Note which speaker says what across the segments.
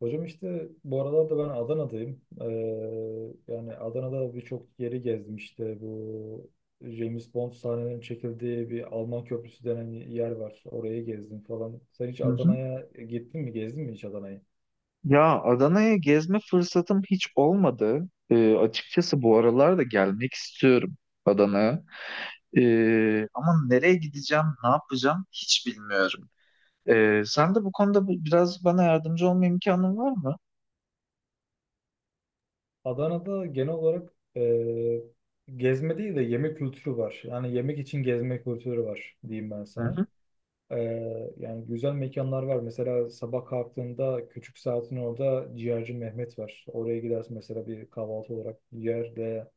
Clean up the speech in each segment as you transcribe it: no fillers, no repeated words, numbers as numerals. Speaker 1: Hocam işte bu aralar da ben Adana'dayım. Yani Adana'da birçok yeri gezdim işte. Bu James Bond sahnelerinin çekildiği bir Alman Köprüsü denen yer var. Orayı gezdim falan. Sen hiç
Speaker 2: Hı hı.
Speaker 1: Adana'ya gittin mi? Gezdin mi hiç Adana'yı?
Speaker 2: Ya Adana'ya gezme fırsatım hiç olmadı. Açıkçası bu aralar da gelmek istiyorum Adana'ya. Ama nereye gideceğim, ne yapacağım hiç bilmiyorum. Sen de bu konuda biraz bana yardımcı olma imkanın var mı?
Speaker 1: Adana'da genel olarak gezme değil de yemek kültürü var. Yani yemek için gezme kültürü var diyeyim ben
Speaker 2: Hı
Speaker 1: sana.
Speaker 2: hı.
Speaker 1: Yani güzel mekanlar var. Mesela sabah kalktığında küçük saatin orada ciğerci Mehmet var. Oraya gidersin mesela bir kahvaltı olarak ciğerle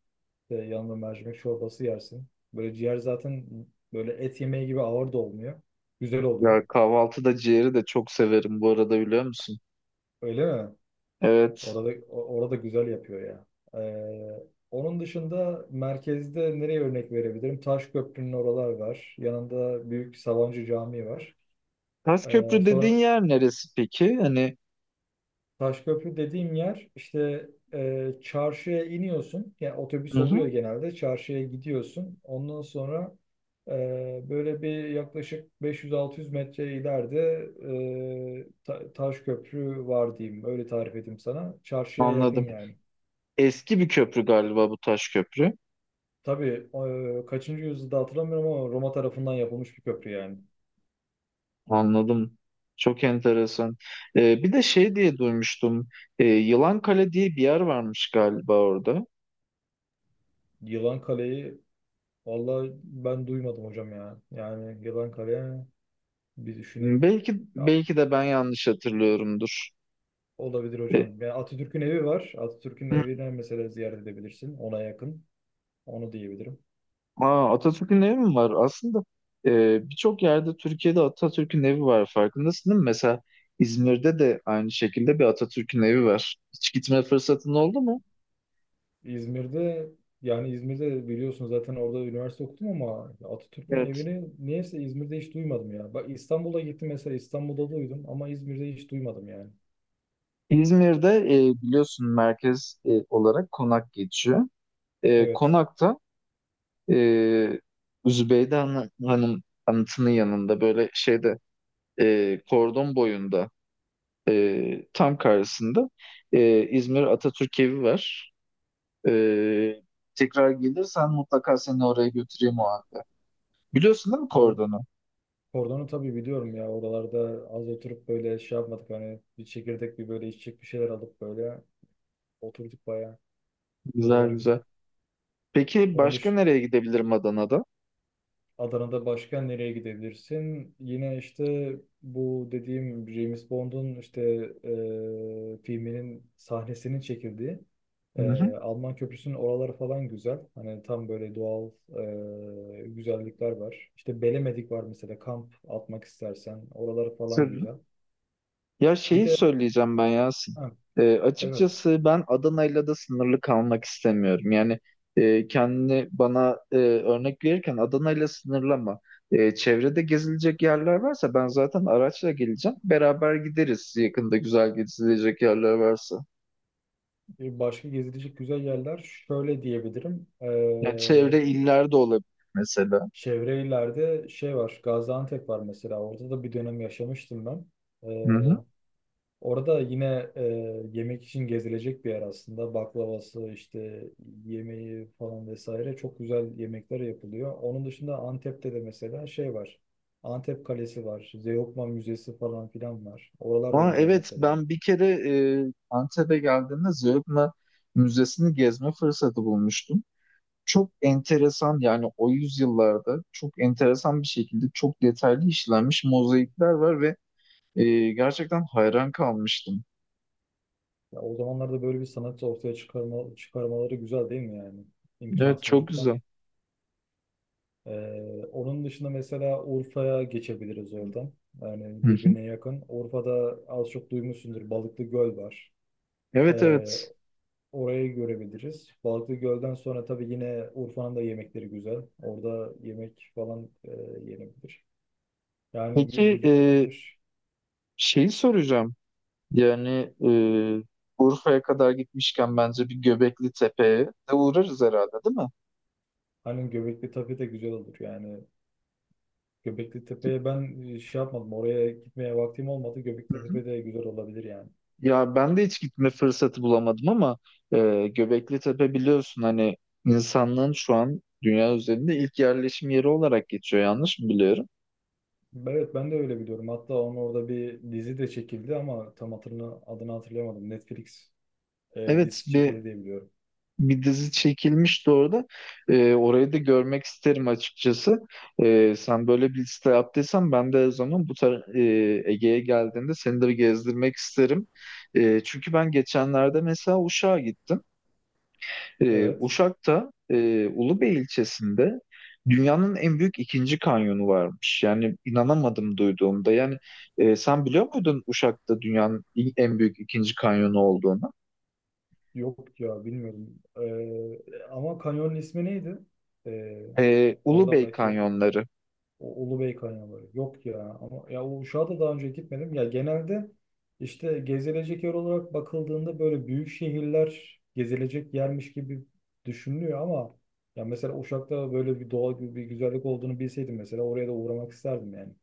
Speaker 1: yanında mercimek çorbası yersin. Böyle ciğer zaten böyle et yemeği gibi ağır da olmuyor. Güzel oluyor.
Speaker 2: Ya kahvaltıda ciğeri de çok severim bu arada biliyor musun?
Speaker 1: Öyle mi?
Speaker 2: Evet.
Speaker 1: Orada orada güzel yapıyor ya. Ee, Onun dışında merkezde nereye örnek verebilirim? Taşköprü'nün oralar var. Yanında Büyük Sabancı Camii var.
Speaker 2: Köprü dediğin
Speaker 1: Sonra
Speaker 2: yer neresi peki? Hani
Speaker 1: Taşköprü dediğim yer işte çarşıya iniyorsun. Yani
Speaker 2: hı
Speaker 1: otobüs oluyor
Speaker 2: hı,
Speaker 1: genelde. Çarşıya gidiyorsun. Ondan sonra e, böyle bir yaklaşık 500-600 metre ileride Taşköprü var diyeyim. Öyle tarif edeyim sana. Çarşıya yakın
Speaker 2: anladım.
Speaker 1: yani.
Speaker 2: Eski bir köprü galiba bu Taşköprü.
Speaker 1: Tabii kaçıncı yüzyılda hatırlamıyorum ama Roma tarafından yapılmış bir köprü yani.
Speaker 2: Anladım. Çok enteresan. Bir de şey diye duymuştum. Yılankale diye bir yer varmış galiba orada.
Speaker 1: Yılan Kale'yi vallahi ben duymadım hocam ya. Yani Yılan Kale bir düşüneyim.
Speaker 2: Belki
Speaker 1: Ya
Speaker 2: belki de ben yanlış hatırlıyorumdur.
Speaker 1: olabilir
Speaker 2: Ee,
Speaker 1: hocam. Yani Atatürk'ün evi var. Atatürk'ün evine mesela ziyaret edebilirsin. Ona yakın. Onu diyebilirim.
Speaker 2: Atatürk'ün evi mi var? Aslında birçok yerde Türkiye'de Atatürk'ün evi var. Farkındasın değil mi? Mesela İzmir'de de aynı şekilde bir Atatürk'ün evi var. Hiç gitme fırsatın oldu mu?
Speaker 1: İzmir'de yani İzmir'de biliyorsun zaten orada üniversite okudum ama Atatürk'ün
Speaker 2: Evet.
Speaker 1: evini niyeyse İzmir'de hiç duymadım ya. Bak İstanbul'a gittim mesela İstanbul'da duydum ama İzmir'de hiç duymadım yani.
Speaker 2: İzmir'de biliyorsun merkez olarak Konak geçiyor. E,
Speaker 1: Evet.
Speaker 2: Konak'ta e, Hanım anıtının yanında böyle şeyde kordon boyunda tam karşısında İzmir Atatürk evi var. Ee, Tekrar gelirsen mutlaka seni oraya götüreyim o halde. Biliyorsun değil mi
Speaker 1: Vallahi
Speaker 2: Kordon'u?
Speaker 1: Kordonu tabii biliyorum ya. Oralarda az oturup böyle şey yapmadık. Hani bir çekirdek bir böyle içecek bir şeyler alıp böyle oturduk bayağı.
Speaker 2: Güzel
Speaker 1: Oralar güzel.
Speaker 2: güzel. Peki
Speaker 1: Onun
Speaker 2: başka
Speaker 1: dışında
Speaker 2: nereye gidebilirim Adana'da?
Speaker 1: Adana'da başka nereye gidebilirsin? Yine işte bu dediğim James Bond'un işte filminin sahnesinin çekildiği
Speaker 2: Hı hı.
Speaker 1: Alman Köprüsü'nün oraları falan güzel. Hani tam böyle doğal güzellikler var. İşte Belemedik var mesela kamp atmak istersen. Oraları falan
Speaker 2: Söyle.
Speaker 1: güzel.
Speaker 2: Ya
Speaker 1: Bir
Speaker 2: şeyi
Speaker 1: de
Speaker 2: söyleyeceğim ben Yasin.
Speaker 1: ha, evet.
Speaker 2: Açıkçası ben Adana'yla da sınırlı kalmak istemiyorum. Yani kendini bana örnek verirken Adana'yla sınırlama. E, çevrede gezilecek yerler varsa ben zaten araçla geleceğim. Beraber gideriz yakında güzel gezilecek yerler varsa.
Speaker 1: Başka gezilecek güzel yerler şöyle diyebilirim.
Speaker 2: Yani çevre illerde olabilir mesela.
Speaker 1: Çevre illerde şey var. Gaziantep var mesela. Orada da bir dönem yaşamıştım ben.
Speaker 2: Hı hı.
Speaker 1: Ee, Orada yine yemek için gezilecek bir yer aslında. Baklavası işte yemeği falan vesaire çok güzel yemekler yapılıyor. Onun dışında Antep'te de mesela şey var. Antep Kalesi var. Zeugma Müzesi falan filan var. Oralar da
Speaker 2: Ama
Speaker 1: güzel
Speaker 2: evet
Speaker 1: mesela.
Speaker 2: ben bir kere Antep'e geldiğimde Zeugma Müzesi'ni gezme fırsatı bulmuştum. Çok enteresan yani o yüzyıllarda çok enteresan bir şekilde çok detaylı işlenmiş mozaikler var ve gerçekten hayran kalmıştım.
Speaker 1: Ya o zamanlarda böyle bir sanat ortaya çıkarmaları güzel değil mi yani?
Speaker 2: Evet çok
Speaker 1: İmkansızlıktan.
Speaker 2: güzel.
Speaker 1: Onun dışında mesela Urfa'ya geçebiliriz oradan.
Speaker 2: Hı
Speaker 1: Yani
Speaker 2: hı.
Speaker 1: birbirine yakın. Urfa'da az çok duymuşsundur Balıklı Göl var.
Speaker 2: Evet
Speaker 1: Ee,
Speaker 2: evet.
Speaker 1: Orayı görebiliriz. Balıklı Göl'den sonra tabii yine Urfa'nın da yemekleri güzel. Orada yemek falan yenebilir. Yani
Speaker 2: Peki
Speaker 1: güzel olabilir.
Speaker 2: şeyi soracağım. Yani Urfa'ya kadar gitmişken bence bir Göbekli Tepe'ye de uğrarız herhalde değil mi?
Speaker 1: Hani Göbekli Tepe de güzel olur yani. Göbekli Tepe'ye ben şey yapmadım. Oraya gitmeye vaktim olmadı.
Speaker 2: Hı
Speaker 1: Göbekli
Speaker 2: hı.
Speaker 1: Tepe de güzel olabilir yani.
Speaker 2: Ya ben de hiç gitme fırsatı bulamadım ama Göbekli Tepe biliyorsun hani insanlığın şu an dünya üzerinde ilk yerleşim yeri olarak geçiyor yanlış mı biliyorum?
Speaker 1: Evet, ben de öyle biliyorum. Hatta onun orada bir dizi de çekildi ama tam hatırını, adını hatırlayamadım. Netflix
Speaker 2: Evet
Speaker 1: dizisi çekildi diye biliyorum.
Speaker 2: bir dizi çekilmişti orada. E, orayı da görmek isterim açıkçası. E, sen böyle bir liste yaptıysan ben de o zaman Ege'ye geldiğimde seni de bir gezdirmek isterim. E, çünkü ben geçenlerde mesela Uşak'a gittim.
Speaker 1: Evet.
Speaker 2: Uşak'ta Ulubey ilçesinde dünyanın en büyük ikinci kanyonu varmış. Yani inanamadım duyduğumda. Yani sen biliyor muydun Uşak'ta dünyanın en büyük ikinci kanyonu olduğunu?
Speaker 1: Yok ya, bilmiyorum. E, ama kanyonun ismi neydi? E, oradan
Speaker 2: Ulubey
Speaker 1: belki.
Speaker 2: kanyonları.
Speaker 1: O Ulubey Kanyonları. Yok ya. Ama ya Uşak'a da daha önce gitmedim. Ya genelde işte gezilecek yer olarak bakıldığında böyle büyük şehirler gezilecek yermiş gibi düşünülüyor ama ya mesela Uşak'ta böyle bir doğal bir güzellik olduğunu bilseydim mesela oraya da uğramak isterdim yani.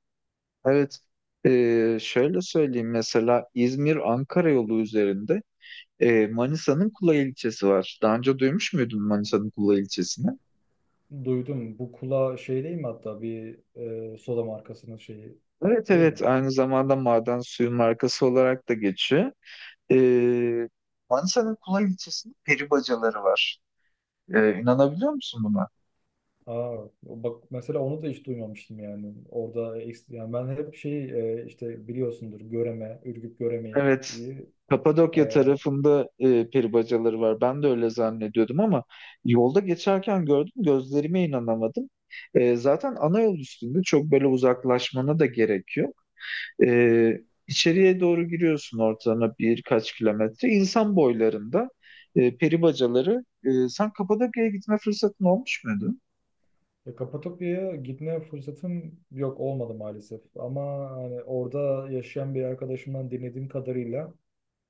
Speaker 2: Evet. Şöyle söyleyeyim mesela İzmir-Ankara yolu üzerinde Manisa'nın Kula ilçesi var. Daha önce duymuş muydun Manisa'nın Kula ilçesini?
Speaker 1: Duydum. Bu kula şey değil mi, hatta bir soda markasının şeyi
Speaker 2: Evet
Speaker 1: değil mi?
Speaker 2: evet aynı zamanda maden suyu markası olarak da geçiyor. Ee, Manisa'nın Kulay ilçesinde peri bacaları var. İnanabiliyor musun buna?
Speaker 1: Aa, bak mesela onu da hiç duymamıştım yani. Orada yani ben hep şey işte biliyorsundur Göreme, Ürgüp Göreme'yi.
Speaker 2: Evet. Kapadokya
Speaker 1: Ee,
Speaker 2: tarafında peri bacaları var. Ben de öyle zannediyordum ama yolda geçerken gördüm, gözlerime inanamadım. Zaten ana yol üstünde çok böyle uzaklaşmana da gerekiyor. Ee, içeriye doğru giriyorsun ortalama birkaç kilometre. İnsan boylarında peri bacaları. Sen Kapadokya'ya gitme fırsatın olmuş muydu?
Speaker 1: Kapadokya'ya gitme fırsatım yok, olmadı maalesef. Ama hani orada yaşayan bir arkadaşımdan dinlediğim kadarıyla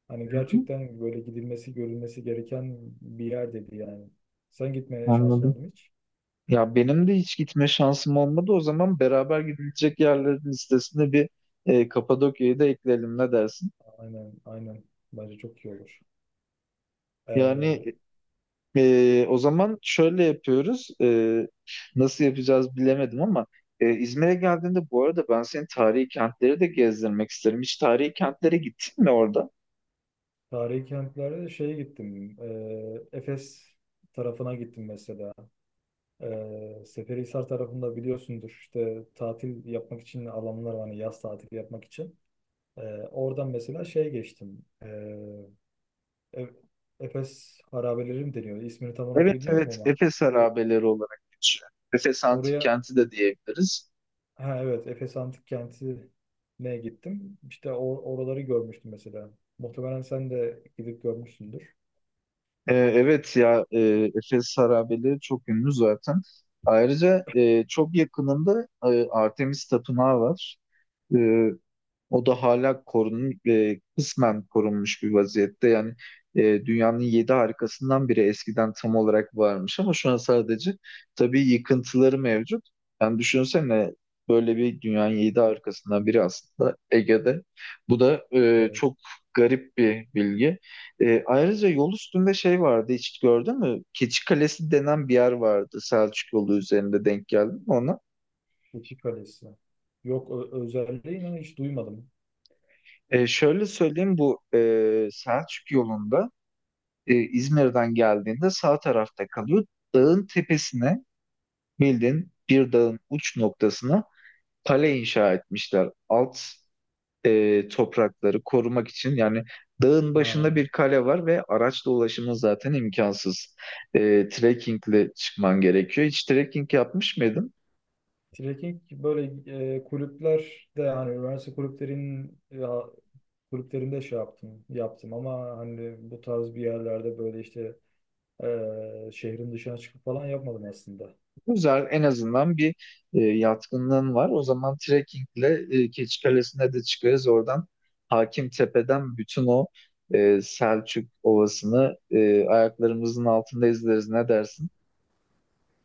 Speaker 1: hani
Speaker 2: Hı hı.
Speaker 1: gerçekten böyle gidilmesi, görülmesi gereken bir yer dedi yani. Sen gitmeye şansın
Speaker 2: Anladım.
Speaker 1: oldu mu hiç?
Speaker 2: Ya benim de hiç gitme şansım olmadı. O zaman beraber gidilecek yerlerin listesine bir Kapadokya'yı da ekleyelim ne dersin?
Speaker 1: Aynen, aynen. Bence çok iyi olur. Ee,
Speaker 2: Yani o zaman şöyle yapıyoruz. Nasıl yapacağız bilemedim ama İzmir'e geldiğinde bu arada ben senin tarihi kentleri de gezdirmek isterim. Hiç tarihi kentlere gittin mi orada?
Speaker 1: Tarihi kentlere şeye gittim. Efes tarafına gittim mesela. Seferihisar tarafında biliyorsundur işte tatil yapmak için alanlar var, hani yaz tatili yapmak için. Ee, Oradan mesela şey geçtim. E- Efes harabeleri mi deniyor? İsmini tam olarak
Speaker 2: Evet
Speaker 1: bilmiyorum
Speaker 2: evet
Speaker 1: ama.
Speaker 2: Efes harabeleri olarak geçiyor. Efes Antik
Speaker 1: Oraya,
Speaker 2: Kenti de diyebiliriz.
Speaker 1: ha evet, Efes Antik Kenti'ne gittim. İşte oraları görmüştüm mesela. Muhtemelen sen de gidip görmüşsündür.
Speaker 2: Evet ya Efes harabeleri çok ünlü zaten. Ayrıca çok yakınında Artemis Tapınağı var. E, O da hala korunmuş, kısmen korunmuş bir vaziyette. Yani dünyanın yedi harikasından biri eskiden tam olarak varmış ama şu an sadece tabii yıkıntıları mevcut. Yani düşünsene böyle bir dünyanın yedi harikasından biri aslında Ege'de. Bu da
Speaker 1: Evet.
Speaker 2: çok garip bir bilgi. E, ayrıca yol üstünde şey vardı hiç gördün mü? Keçi Kalesi denen bir yer vardı Selçuk yolu üzerinde denk geldim ona.
Speaker 1: Keçi Kalesi. Yok, özelliği inan hiç duymadım.
Speaker 2: Şöyle söyleyeyim bu Selçuk yolunda İzmir'den geldiğinde sağ tarafta kalıyor. Dağın tepesine bildiğin bir dağın uç noktasına kale inşa etmişler. Alt toprakları korumak için yani dağın başında
Speaker 1: Ha.
Speaker 2: bir kale var ve araçla ulaşımın zaten imkansız. Trekkingle çıkman gerekiyor. Hiç trekking yapmış mıydın?
Speaker 1: Trekking böyle kulüplerde yani üniversite kulüplerin ya, kulüplerinde şey yaptım ama hani bu tarz bir yerlerde böyle işte. Şehrin dışına çıkıp falan yapmadım aslında.
Speaker 2: Güzel, en azından bir yatkınlığın var. O zaman trekkingle Keçikalesi'ne de çıkarız. Oradan Hakimtepe'den bütün o Selçuk Ovası'nı ayaklarımızın altında izleriz. Ne dersin?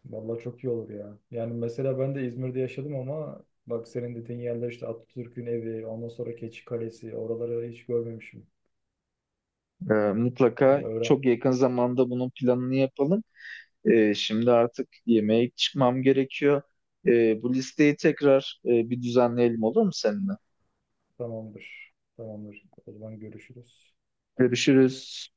Speaker 1: Vallahi çok iyi olur ya. Yani mesela ben de İzmir'de yaşadım ama bak senin dediğin yerler işte Atatürk'ün evi, ondan sonra Keçi Kalesi, oraları hiç görmemişim.
Speaker 2: Mutlaka
Speaker 1: Yani öğren.
Speaker 2: çok yakın zamanda bunun planını yapalım. Şimdi artık yemeğe çıkmam gerekiyor. Bu listeyi tekrar bir düzenleyelim olur mu seninle?
Speaker 1: Tamamdır. Tamamdır. O zaman görüşürüz.
Speaker 2: Görüşürüz.